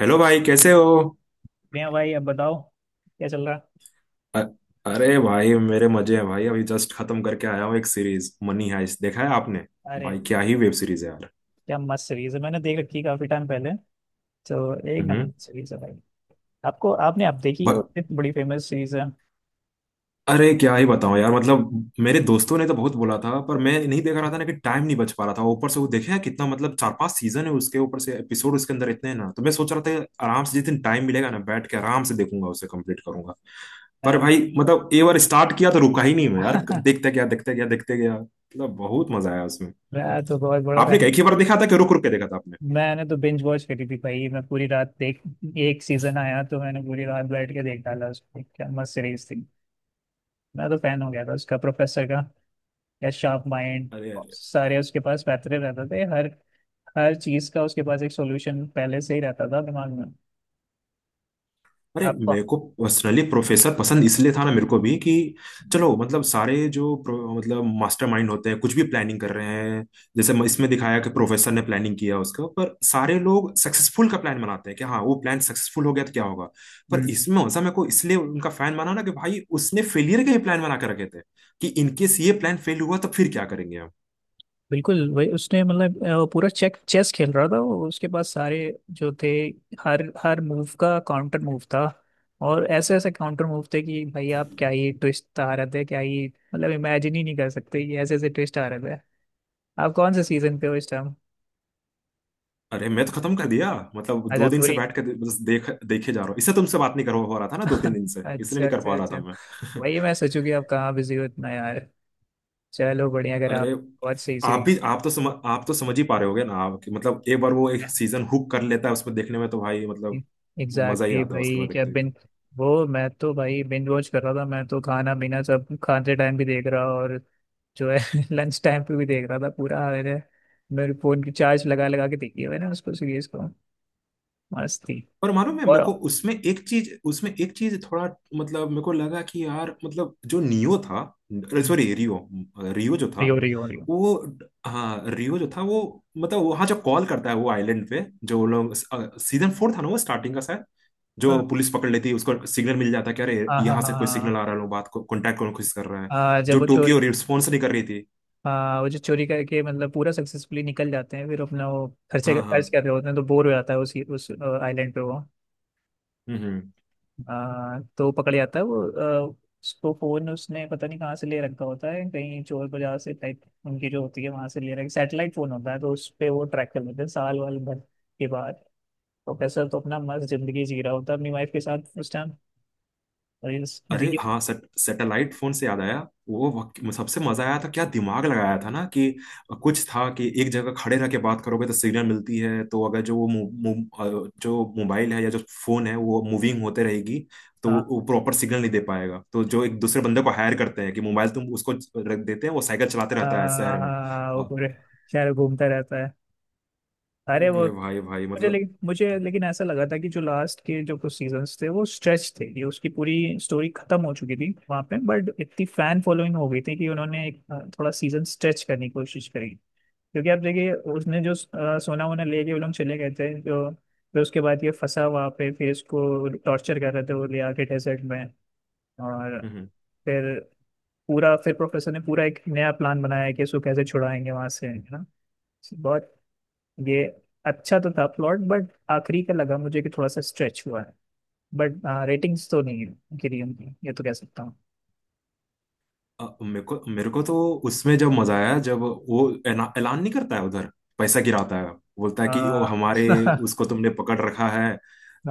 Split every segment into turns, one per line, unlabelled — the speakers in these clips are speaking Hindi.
हेलो भाई, कैसे हो?
प्रिया भाई अब बताओ क्या चल रहा है?
अ- अरे भाई, मेरे मजे हैं भाई। अभी जस्ट खत्म करके आया हूँ एक सीरीज, मनी हाइस्ट। देखा है आपने?
अरे
भाई, क्या ही वेब सीरीज है यार।
क्या मस्त सीरीज है। मैंने देख रखी है काफी टाइम पहले। तो एक नंबर
हम्म।
सीरीज है भाई। आपको आपने आप देखी वो
ब-
इतनी बड़ी फेमस सीरीज है
अरे क्या ही बताऊं यार। मतलब मेरे दोस्तों ने तो बहुत बोला था, पर मैं नहीं देख रहा था ना कि टाइम नहीं बच पा रहा था। ऊपर से वो देखा है कितना मतलब, चार पांच सीजन है उसके, ऊपर से एपिसोड उसके अंदर इतने हैं ना। तो मैं सोच रहा था कि आराम से जिस दिन टाइम मिलेगा ना, बैठ के आराम से देखूंगा, उसे कंप्लीट करूंगा। पर
यार।
भाई मतलब, एक बार स्टार्ट किया तो रुका ही नहीं मैं यार। देखते गया, देखते गया, देखते गया, मतलब बहुत मजा आया उसमें।
मैं तो बहुत बड़ा
आपने
फैन।
क्या एक ही बार देखा था कि रुक रुक के देखा था आपने?
मैंने तो बिंज वॉच करी थी भाई, मैं पूरी रात देख। एक सीजन आया तो मैंने पूरी रात बैठ के देख डाला उसको। क्या मस्त सीरीज थी। मैं तो फैन हो गया था उसका, प्रोफेसर का। क्या शार्प माइंड।
अरे अरे।
सारे उसके पास पैतरे रहते थे। हर हर चीज का उसके पास एक सॉल्यूशन पहले से ही रहता था दिमाग में।
अरे
आपको।
मेरे को पर्सनली प्रोफेसर पसंद इसलिए था ना, मेरे को भी कि चलो, मतलब सारे जो मतलब मास्टरमाइंड होते हैं, कुछ भी प्लानिंग कर रहे हैं। जैसे इसमें दिखाया कि प्रोफेसर ने प्लानिंग किया उसका। पर सारे लोग सक्सेसफुल का प्लान बनाते हैं कि हाँ वो प्लान सक्सेसफुल हो गया तो क्या होगा। पर
हम्म।
इसमें वैसा, मेरे को इसलिए उनका फैन बना ना कि भाई उसने फेलियर के ही प्लान बना के रखे थे। कि इनकेस ये प्लान फेल हुआ तो फिर क्या करेंगे हम।
बिल्कुल वही उसने मतलब पूरा चेक चेस खेल रहा था वो। उसके पास सारे जो थे। हर हर मूव का काउंटर मूव था। और ऐसे ऐसे काउंटर मूव थे कि भाई आप क्या ही ट्विस्ट आ रहे थे क्या ही। मतलब इमेजिन ही नहीं कर सकते, ये ऐसे ऐसे ट्विस्ट आ रहे थे। आप कौन से सीजन पे हो इस टाइम?
अरे मैं तो खत्म कर दिया। मतलब दो
अच्छा,
दिन से
पूरी।
बैठ के बस देख देखे जा रहा हूँ। इससे तुमसे बात नहीं कर पा रहा था ना 2 3 दिन से, इसलिए
अच्छा,
नहीं कर
अच्छा,
पा रहा
अच्छा।
था मैं।
वही मैं सोचू कि आप कहाँ बिजी हो इतना यार। चलो बढ़िया, अगर आप।
अरे।
बहुत सही
आप
सीरीज।
भी, आप तो आप तो समझ ही पा रहे होगे ना आप कि मतलब एक बार वो एक सीजन हुक कर लेता है उसमें देखने में तो भाई मतलब, मजा ही
एग्जैक्टली
आता है उसके
भाई,
बाद
क्या
देखते ही तो।
बिन। वो मैं तो भाई बिंज वॉच कर रहा था, मैं तो खाना पीना सब खाते टाइम भी देख रहा, और। जो है। लंच टाइम पे भी देख रहा था पूरा मैंने। मेरे फोन की चार्ज लगा लगा के देखी है मैंने उसको सीरीज को। मस्त थी।
और मालूम है मेरे
और।
को उसमें एक चीज थोड़ा, मतलब मेरे को लगा कि यार मतलब जो नियो था, सॉरी रियो। रियो जो था
रियो, रियो, रियो।
वो, हाँ रियो जो था वो, मतलब वहां जो कॉल करता है वो आइलैंड पे, जो लोग सीजन 4 था ना वो स्टार्टिंग का शायद। जो
हाँ,
पुलिस पकड़ लेती है, उसको सिग्नल मिल जाता है कि अरे
हाँ, हाँ,
यहाँ से कोई सिग्नल
हाँ,
आ रहा है, लोग बात को कांटेक्ट करने की कोशिश कर रहा है।
हाँ, जब
जो
वो
टोक्यो
चोरी।
रिस्पॉन्स नहीं कर रही थी।
हाँ वो जो चोरी करके मतलब पूरा सक्सेसफुली निकल जाते हैं, फिर अपना वो खर्चे
हाँ
खर्च
हाँ।
कर रहे होते हैं तो बोर हो जाता है उसी उस आइलैंड पे वो।
हम्म हम्म।
तो पकड़ जाता है वो। आ, उसको फोन उसने पता नहीं कहाँ से ले रखा होता है, कहीं चोर बाजार से टाइप उनकी जो होती है वहां से ले रखा सैटेलाइट फोन होता है, तो उस पे वो ट्रैक कर लेते हैं साल वाल भर के बाद। प्रोफेसर तो अपना मस्त जिंदगी जी रहा होता है अपनी वाइफ के साथ उस टाइम। रील।
अरे
रील।
हाँ, सैटेलाइट फोन से याद आया। वो, सबसे मजा आया था, क्या दिमाग लगाया था ना कि कुछ था कि एक जगह खड़े रह के बात करोगे तो सिग्नल मिलती है। तो अगर जो वो मो, मो, अ, जो मोबाइल है या जो फोन है वो मूविंग होते रहेगी, तो
हाँ।
वो प्रॉपर सिग्नल नहीं दे पाएगा। तो जो एक दूसरे बंदे को हायर करते हैं कि मोबाइल तुम उसको रख देते हैं, वो साइकिल चलाते रहता है शहर में।
वो
अ,
पूरे शहर घूमता रहता है। अरे वो।
अरे भाई भाई, मतलब।
मुझे लेकिन ऐसा लगा था कि जो लास्ट के जो कुछ सीजन्स थे वो स्ट्रेच थे, ये उसकी पूरी स्टोरी खत्म हो चुकी थी वहां पे, बट इतनी फैन फॉलोइंग हो गई थी कि उन्होंने एक थोड़ा सीजन स्ट्रेच करने की कोशिश करी। क्योंकि आप देखिए उसने जो सोना वोना ले के वो लोग चले गए थे जो। फिर उसके बाद ये फंसा वहां पे, फिर इसको टॉर्चर कर रहे थे वो ले आके डेजर्ट में। और।
हम्म, हम्म।
फिर पूरा फिर प्रोफेसर ने पूरा एक नया प्लान बनाया कि इसको कैसे छुड़ाएंगे वहां से, है ना। बहुत। ये। अच्छा तो था प्लॉट, बट आखिरी का लगा मुझे कि थोड़ा सा स्ट्रेच हुआ है। बट। रेटिंग्स तो नहीं है गिरी उनकी, ये तो कह सकता हूँ।
मेरे को तो उसमें जब मजा आया, जब वो ऐलान नहीं करता है उधर, पैसा गिराता है, बोलता है कि वो
आ,
हमारे, उसको तुमने पकड़ रखा है,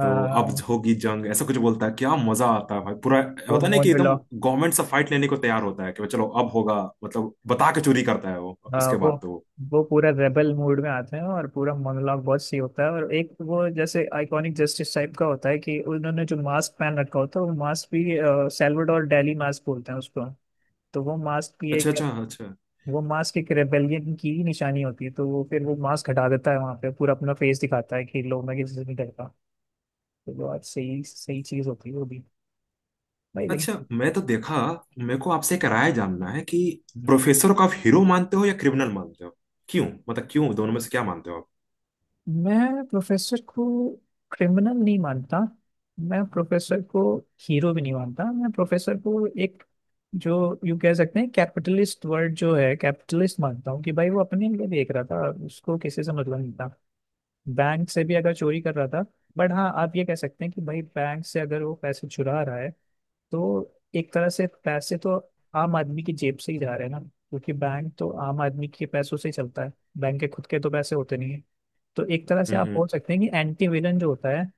तो अब होगी जंग, ऐसा कुछ बोलता है। क्या मजा आता है भाई पूरा।
वो
होता नहीं कि एकदम
मोनोलॉग।
गवर्नमेंट से फाइट लेने को तैयार होता है कि चलो अब होगा। मतलब बता के चोरी करता है वो
आ,
उसके
वो
बाद तो।
वो पूरा रेबल मूड में आते हैं और पूरा मोनोलॉग बहुत सही होता है, और एक वो जैसे आइकॉनिक जस्टिस टाइप का होता है कि उन्होंने जो मास्क पहन रखा होता है वो मास्क भी सैल्वाडोर डेली मास्क बोलते हैं उसको। तो वो मास्क भी
अच्छा
एक।
अच्छा अच्छा।
वो मास्क एक रेबेलियन की ही निशानी होती है, तो वो फिर वो मास्क हटा देता है वहां पे, पूरा अपना फेस दिखाता है कि लो मैं किसी से नहीं डरता। तो वो आज सही सही चीज होती है वो भी। भाई
अच्छा
लेकिन।
मैं तो देखा, मेरे को आपसे एक राय जानना है कि प्रोफेसर को आप हीरो मानते हो या क्रिमिनल मानते हो? क्यों, मतलब क्यों, दोनों में से क्या मानते हो आप?
मैं प्रोफेसर को क्रिमिनल नहीं मानता। मैं प्रोफेसर को हीरो भी नहीं मानता, मैं प्रोफेसर को एक जो यू कह सकते हैं कैपिटलिस्ट वर्ड जो है कैपिटलिस्ट मानता हूँ कि भाई वो अपने लिए देख रहा था, उसको किसी से मतलब नहीं था। बैंक से भी अगर चोरी कर रहा था। बट हाँ आप ये कह सकते हैं कि भाई बैंक से अगर वो पैसे चुरा रहा है तो एक तरह से पैसे तो आम आदमी की जेब से ही जा रहे हैं ना, क्योंकि बैंक तो आम आदमी के पैसों से ही चलता है। बैंक के खुद के तो पैसे होते नहीं है। तो एक तरह से
हम्म,
आप
हम्म।
बोल सकते हैं कि एंटी विलन जो होता है,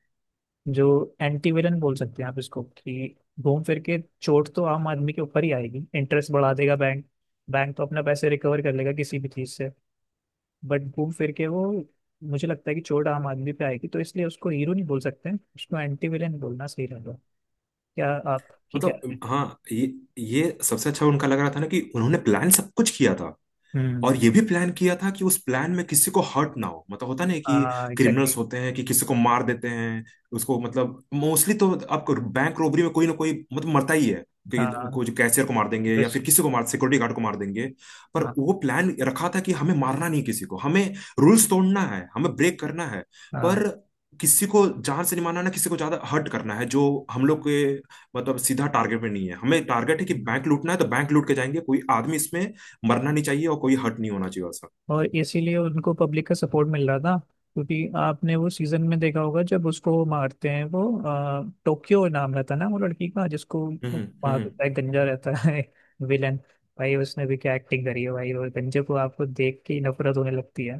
जो एंटी विलन बोल सकते हैं आप इसको, कि घूम फिर के चोट तो आम आदमी के ऊपर ही आएगी, इंटरेस्ट बढ़ा देगा बैंक। बैंक तो अपना पैसे रिकवर कर लेगा किसी भी चीज से। बट घूम फिर के वो, मुझे लगता है कि चोट आम आदमी पे आएगी, तो इसलिए उसको हीरो नहीं बोल सकते हैं, उसको एंटी विलेन बोलना सही रहेगा। क्या आपकी क्या राय
मतलब
है?
हाँ, ये ये सबसे अच्छा उनका लग रहा था ना कि उन्होंने प्लान सब कुछ किया था।
हम्म।
और ये भी प्लान किया था कि उस प्लान में किसी को हर्ट ना हो, मतलब होता नहीं कि
हाँ
क्रिमिनल्स
एग्जैक्टली।
होते हैं कि किसी को मार देते हैं। उसको मतलब मोस्टली तो आपको बैंक रोबरी में कोई ना कोई मतलब मरता ही है। कि
हाँ।
कुछ कैशियर को मार देंगे या
बस।
फिर किसी को मार, सिक्योरिटी गार्ड को मार देंगे। पर
हाँ,
वो प्लान रखा था कि हमें मारना नहीं किसी को, हमें रूल्स तोड़ना है, हमें ब्रेक करना है। पर किसी को जान से नहीं मारना ना, किसी को ज्यादा हर्ट करना है, जो हम लोग के, मतलब सीधा टारगेट पे नहीं है, हमें टारगेट है कि
हाँ।
बैंक लूटना है, तो बैंक लूट के जाएंगे। कोई आदमी इसमें मरना नहीं चाहिए और कोई हर्ट नहीं होना चाहिए उसका।
और इसीलिए उनको पब्लिक का सपोर्ट मिल रहा था। क्योंकि आपने वो सीजन में देखा होगा जब उसको मारते हैं वो टोक्यो नाम रहता है ना वो लड़की का, जिसको
हम्म
मार
हम्म।
देता है गंजा रहता है। विलन। भाई उसने भी क्या एक्टिंग करी है भाई, और गंजे को आपको देख के ही नफरत होने लगती है।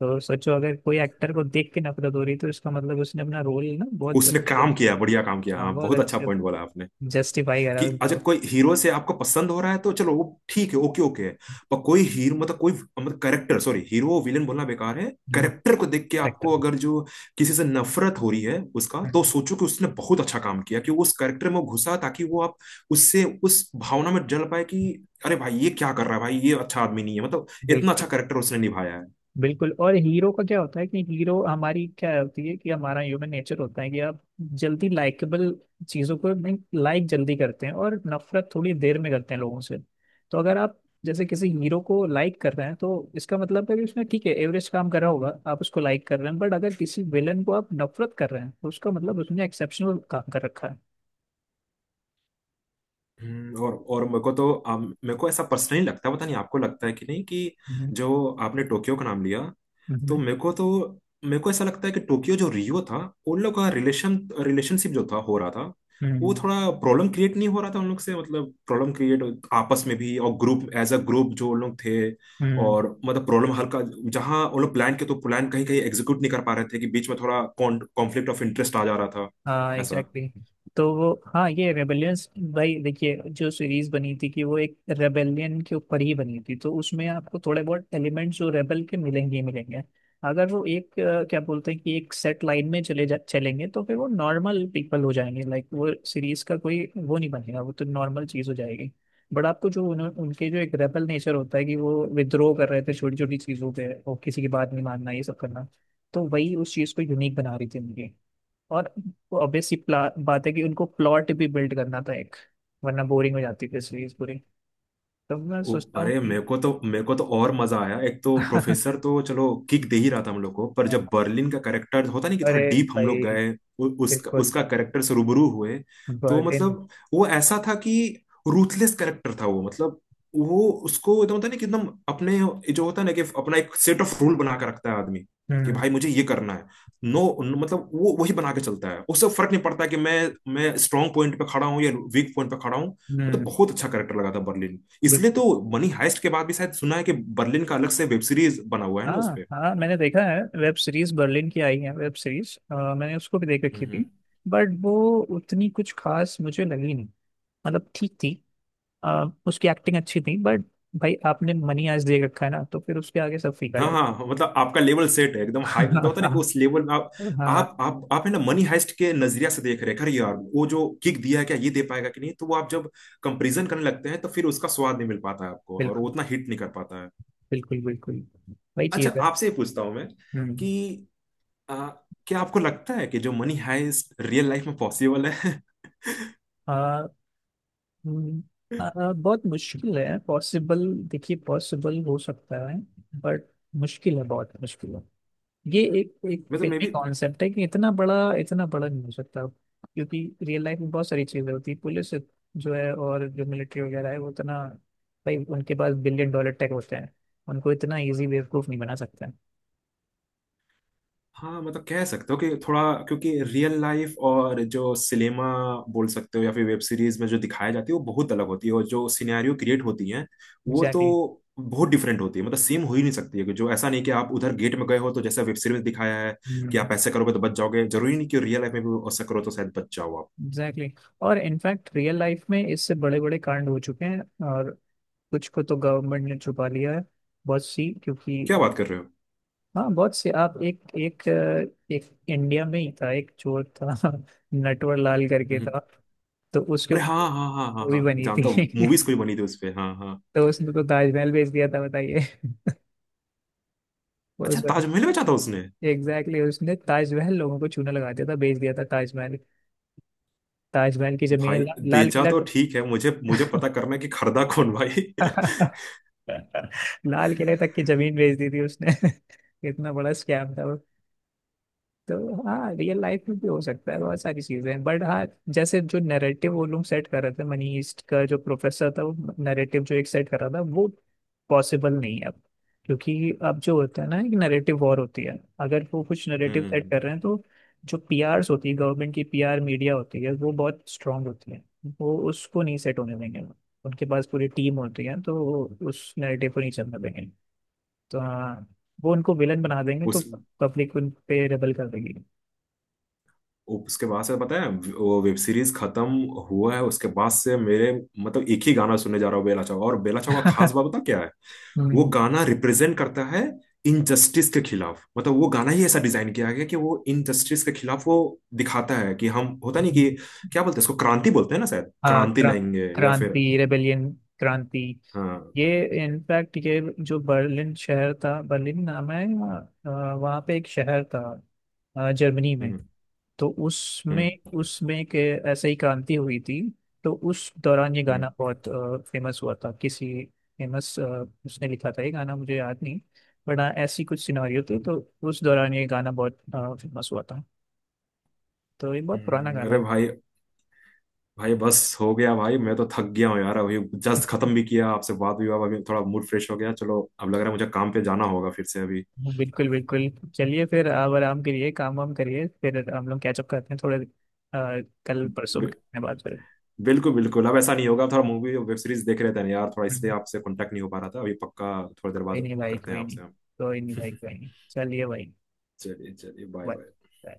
तो सोचो अगर कोई एक्टर को देख के नफरत हो रही है, तो इसका मतलब उसने अपना रोल ना बहुत
उसने
अच्छे से-
काम किया, बढ़िया काम किया
हाँ,
हाँ।
बहुत
बहुत अच्छा
अच्छे।
पॉइंट बोला आपने।
जस्टिफाई करा
कि
उसका
अगर कोई हीरो से आपको पसंद हो रहा है तो चलो वो ठीक है, ओके ओके है। पर कोई हीरो मतलब कोई मतलब करेक्टर, सॉरी हीरो विलेन बोलना बेकार है। करेक्टर को देख के
करेक्टर।
आपको अगर जो किसी से नफरत हो रही है उसका, तो सोचो कि उसने बहुत अच्छा काम किया कि वो उस करेक्टर में घुसा ताकि वो आप उससे उस भावना में जल पाए कि अरे भाई ये क्या कर रहा है भाई, ये अच्छा आदमी नहीं है। मतलब इतना
बिल्कुल,
अच्छा करेक्टर उसने निभाया है।
बिल्कुल। और हीरो का क्या होता है कि हीरो, हमारी क्या होती है कि हमारा ह्यूमन नेचर होता है कि आप जल्दी लाइकेबल चीजों को लाइक जल्दी करते हैं, और नफरत थोड़ी देर में करते हैं लोगों से। तो अगर आप जैसे किसी हीरो को लाइक कर रहे हैं तो इसका मतलब है कि उसने, ठीक है, एवरेज काम करा होगा, आप उसको लाइक कर रहे हैं, बट अगर किसी विलन को आप नफरत कर रहे हैं तो उसका मतलब उसने एक्सेप्शनल काम कर रखा है।
हम्म। और मेरे को ऐसा पर्सनली लगता है, पता नहीं आपको लगता है कि नहीं कि
हम्म,
जो आपने टोक्यो का नाम लिया, तो
हम्म,
मेरे को ऐसा लगता है कि टोक्यो, जो रियो था, उन लोग का रिलेशन, रिलेशनशिप जो था हो रहा था, वो
हम्म,
थोड़ा प्रॉब्लम क्रिएट नहीं हो रहा था उन लोग से, मतलब प्रॉब्लम क्रिएट आपस में भी और ग्रुप एज अ ग्रुप जो उन लोग थे।
हम्म।
और मतलब प्रॉब्लम हल्का, जहाँ उन लोग प्लान के, तो प्लान कहीं कहीं एग्जीक्यूट नहीं कर पा रहे थे कि बीच में थोड़ा कॉन्फ्लिक्ट ऑफ इंटरेस्ट आ जा रहा था।
हाँ
ऐसा।
Exactly exactly। तो वो हाँ, ये रेबेलियंस। भाई देखिए जो सीरीज बनी थी कि वो एक रेबेलियन के ऊपर ही बनी थी, तो उसमें आपको थोड़े बहुत एलिमेंट्स जो रेबल के मिलेंगे ही मिलेंगे। अगर वो एक क्या बोलते हैं कि एक सेट लाइन में चले जा चलेंगे तो फिर वो नॉर्मल पीपल हो जाएंगे, लाइक वो सीरीज का कोई वो नहीं बनेगा, वो तो नॉर्मल चीज हो जाएगी। बट आपको जो उनके जो एक रेबल नेचर होता है कि वो विद्रोह कर रहे थे छोटी छोटी चीजों पे और किसी की बात नहीं मानना ये सब करना, तो वही उस चीज को यूनिक बना रही थी उनकी। और। ऑब्वियस सी बात है कि उनको प्लॉट भी बिल्ड करना था एक, वरना बोरिंग हो जाती फिर सीरीज पूरी। तो मैं सोचता हूँ
अरे,
कि
मेरे को तो और मजा आया, एक तो प्रोफेसर तो चलो किक दे ही रहा था हम लोग को, पर जब बर्लिन का करेक्टर, होता नहीं कि
अरे
थोड़ा डीप हम लोग
भाई।
गए, उसका
बिल्कुल।
उसका करेक्टर से रूबरू हुए, तो
बर्लिन।
मतलब वो ऐसा था कि रूथलेस करेक्टर था वो, मतलब वो उसको एकदम, होता है ना कि एकदम अपने, जो होता है ना कि अपना एक सेट ऑफ रूल बना के रखता है आदमी। कि
हम्म,
भाई मुझे ये करना है, नो, मतलब वो वही बना के चलता है, उससे फर्क नहीं पड़ता कि मैं स्ट्रांग पॉइंट पे खड़ा हूँ या वीक पॉइंट पे खड़ा हूँ। मतलब
हम्म।
बहुत अच्छा करेक्टर लगा था बर्लिन। इसलिए
बिल्कुल।
तो मनी हाइस्ट के बाद भी शायद सुना है कि बर्लिन का अलग से वेब सीरीज बना हुआ है ना
हाँ,
उसपे।
हाँ, मैंने देखा है वेब सीरीज, बर्लिन की आई है वेब सीरीज, मैंने उसको भी देख रखी थी।
हम्म।
बट वो उतनी कुछ खास मुझे लगी नहीं। मतलब ठीक थी। उसकी एक्टिंग अच्छी थी बट। भाई आपने मनी आज दे रखा है ना, तो फिर उसके आगे सब फीका
हाँ
लगे।
हाँ हाँ, मतलब आपका लेवल सेट है एकदम हाई, मतलब होता है ना कि उस लेवल में आप
हाँ।
आप आप आप है ना मनी हाइस्ट के नजरिया से देख रहे हैं, अरे यार वो जो किक दिया है क्या ये दे पाएगा कि नहीं, तो वो आप जब कंपेरिजन करने लगते हैं तो फिर उसका स्वाद नहीं मिल पाता है आपको और वो
बिल्कुल,
उतना हिट नहीं कर पाता है।
बिल्कुल, बिल्कुल। वही
अच्छा
चीज है।
आपसे ये पूछता हूँ मैं कि
हम्म।
आ, क्या आपको लगता है कि जो मनी हाइस्ट रियल लाइफ में पॉसिबल है?
आ, हम्म, आ, बहुत मुश्किल है पॉसिबल, देखिए पॉसिबल हो सकता है। बट मुश्किल है, बहुत मुश्किल है। ये एक एक
मतलब मे
फिल्मी
बी।
कॉन्सेप्ट है कि इतना बड़ा, इतना बड़ा नहीं हो सकता, क्योंकि रियल लाइफ में बहुत सारी चीजें होती है, पुलिस जो है और जो मिलिट्री वगैरह है, वो इतना। भाई उनके पास बिलियन डॉलर टेक होते हैं। उनको इतना इजी बेवकूफ नहीं बना सकते।
हाँ मतलब कह सकते हो कि थोड़ा, क्योंकि रियल लाइफ और जो सिनेमा बोल सकते हो या फिर वेब सीरीज में जो दिखाई जाती है, वो बहुत अलग होती है। और जो सिनेरियो क्रिएट होती हैं वो तो
एग्जैक्टली,
बहुत डिफरेंट होती है, मतलब सेम हो ही नहीं सकती है कि जो ऐसा नहीं कि आप उधर गेट में गए हो तो जैसा वेब सीरीज में दिखाया है कि आप ऐसे करोगे तो बच जाओगे, जरूरी नहीं कि रियल लाइफ में भी ऐसा करो तो शायद बच जाओ आप।
Exactly exactly। और इनफैक्ट रियल लाइफ में इससे बड़े बड़े कांड हो चुके हैं। और कुछ को तो गवर्नमेंट ने छुपा लिया है। बहुत सी, क्योंकि।
क्या बात कर रहे हो!
हाँ बहुत सी, आप, एक एक एक इंडिया में ही था एक चोर था। नटवर लाल करके
हम्म।
था। तो उसके
अरे हाँ
ऊपर
हाँ हाँ हाँ
मूवी
हाँ,
बनी
जानता
थी।
हूँ। मूवीज कोई बनी थी उस पे, हाँ हाँ।
तो उसने तो ताजमहल बेच दिया था बताइए।
अच्छा,
उस।
ताजमहल बेचा था उसने?
एग्जैक्टली exactly, उसने ताजमहल लोगों को चूना लगा दिया था, बेच दिया था ताजमहल। ताजमहल की जमीन
भाई,
लाल
बेचा तो ठीक है, मुझे मुझे पता करना है कि खरीदा कौन भाई!
किला। लाल किले तक की जमीन बेच दी थी उसने। इतना बड़ा स्कैम था वो। तो हाँ रियल लाइफ में भी हो सकता है, बहुत सारी चीजें हैं, बट हाँ। जैसे जो नैरेटिव वो लोग सेट कर रहे थे मनी ईस्ट का, जो प्रोफेसर था वो नैरेटिव जो एक सेट कर रहा था वो पॉसिबल नहीं है अब। क्योंकि अब जो होता है ना, एक नैरेटिव वॉर होती है, अगर वो कुछ
हम्म
नैरेटिव
हम्म,
सेट
हम्म।
कर रहे हैं तो जो पीआरस होती है गवर्नमेंट की, पीआर मीडिया होती है, वो बहुत स्ट्रांग होती है। वो उसको नहीं सेट होने देंगे। उनके पास पूरी टीम होती है, तो वो उस नैरेटिव को नहीं चलने देंगे। तो हाँ, वो उनको विलन बना देंगे, तो
उस,
पब्लिक उन पे रेबल कर देगी।
उसके बाद से पता है, वो वेब सीरीज खत्म हुआ है, उसके बाद से मेरे, मतलब एक ही गाना सुनने जा रहा हूँ, बेला चाव। और बेला चाव का खास बात पता क्या है? वो
हम्म,
गाना रिप्रेजेंट करता है इनजस्टिस के खिलाफ। मतलब वो गाना ही ऐसा डिजाइन किया गया कि वो इनजस्टिस के खिलाफ वो दिखाता है कि हम, होता नहीं
हम्म।
कि क्या बोलते हैं इसको, क्रांति बोलते हैं ना शायद,
हाँ
क्रांति लाएंगे या
क्रांति,
फिर,
रेबेलियन, क्रांति।
हाँ।
ये इनफैक्ट ये जो बर्लिन शहर था, बर्लिन नाम है या, वहाँ पे एक शहर था जर्मनी में।
हम्म
तो उसमें
हम्म
उसमें के ऐसे ही क्रांति हुई थी। तो उस दौरान ये
हम्म
गाना बहुत फेमस हुआ था किसी, फेमस, उसने लिखा था ये गाना मुझे याद नहीं। बट हाँ ऐसी कुछ सिनेरियो थी, तो उस दौरान ये गाना बहुत फेमस हुआ था। तो ये बहुत पुराना
हम्म। अरे
गाना।
भाई, भाई बस हो गया भाई, मैं तो थक गया हूँ यार अभी। जस्ट खत्म
है।
भी किया, आपसे बात हुई, अब अभी थोड़ा मूड फ्रेश हो गया, चलो अब लग रहा है मुझे काम पे जाना होगा फिर से अभी।
बिल्कुल, बिल्कुल। चलिए फिर आप आराम करिए, काम वाम करिए, फिर हम लोग कैचअप करते हैं थोड़े कल परसों में
बि-
करते हैं बात फिर।
बिल्कुल बिल्कुल, अब ऐसा नहीं होगा। थोड़ा मूवी और वेब सीरीज देख रहे थे ना यार थोड़ा, इसलिए
हम्म,
आपसे कांटेक्ट नहीं हो पा रहा था। अभी पक्का थोड़ी देर
कोई
बाद
नहीं भाई,
करते हैं
कोई नहीं।
आपसे हम।
कोई नहीं भाई, कोई नहीं, चलिए भाई।
चलिए चलिए, बाय बाय।
बाय।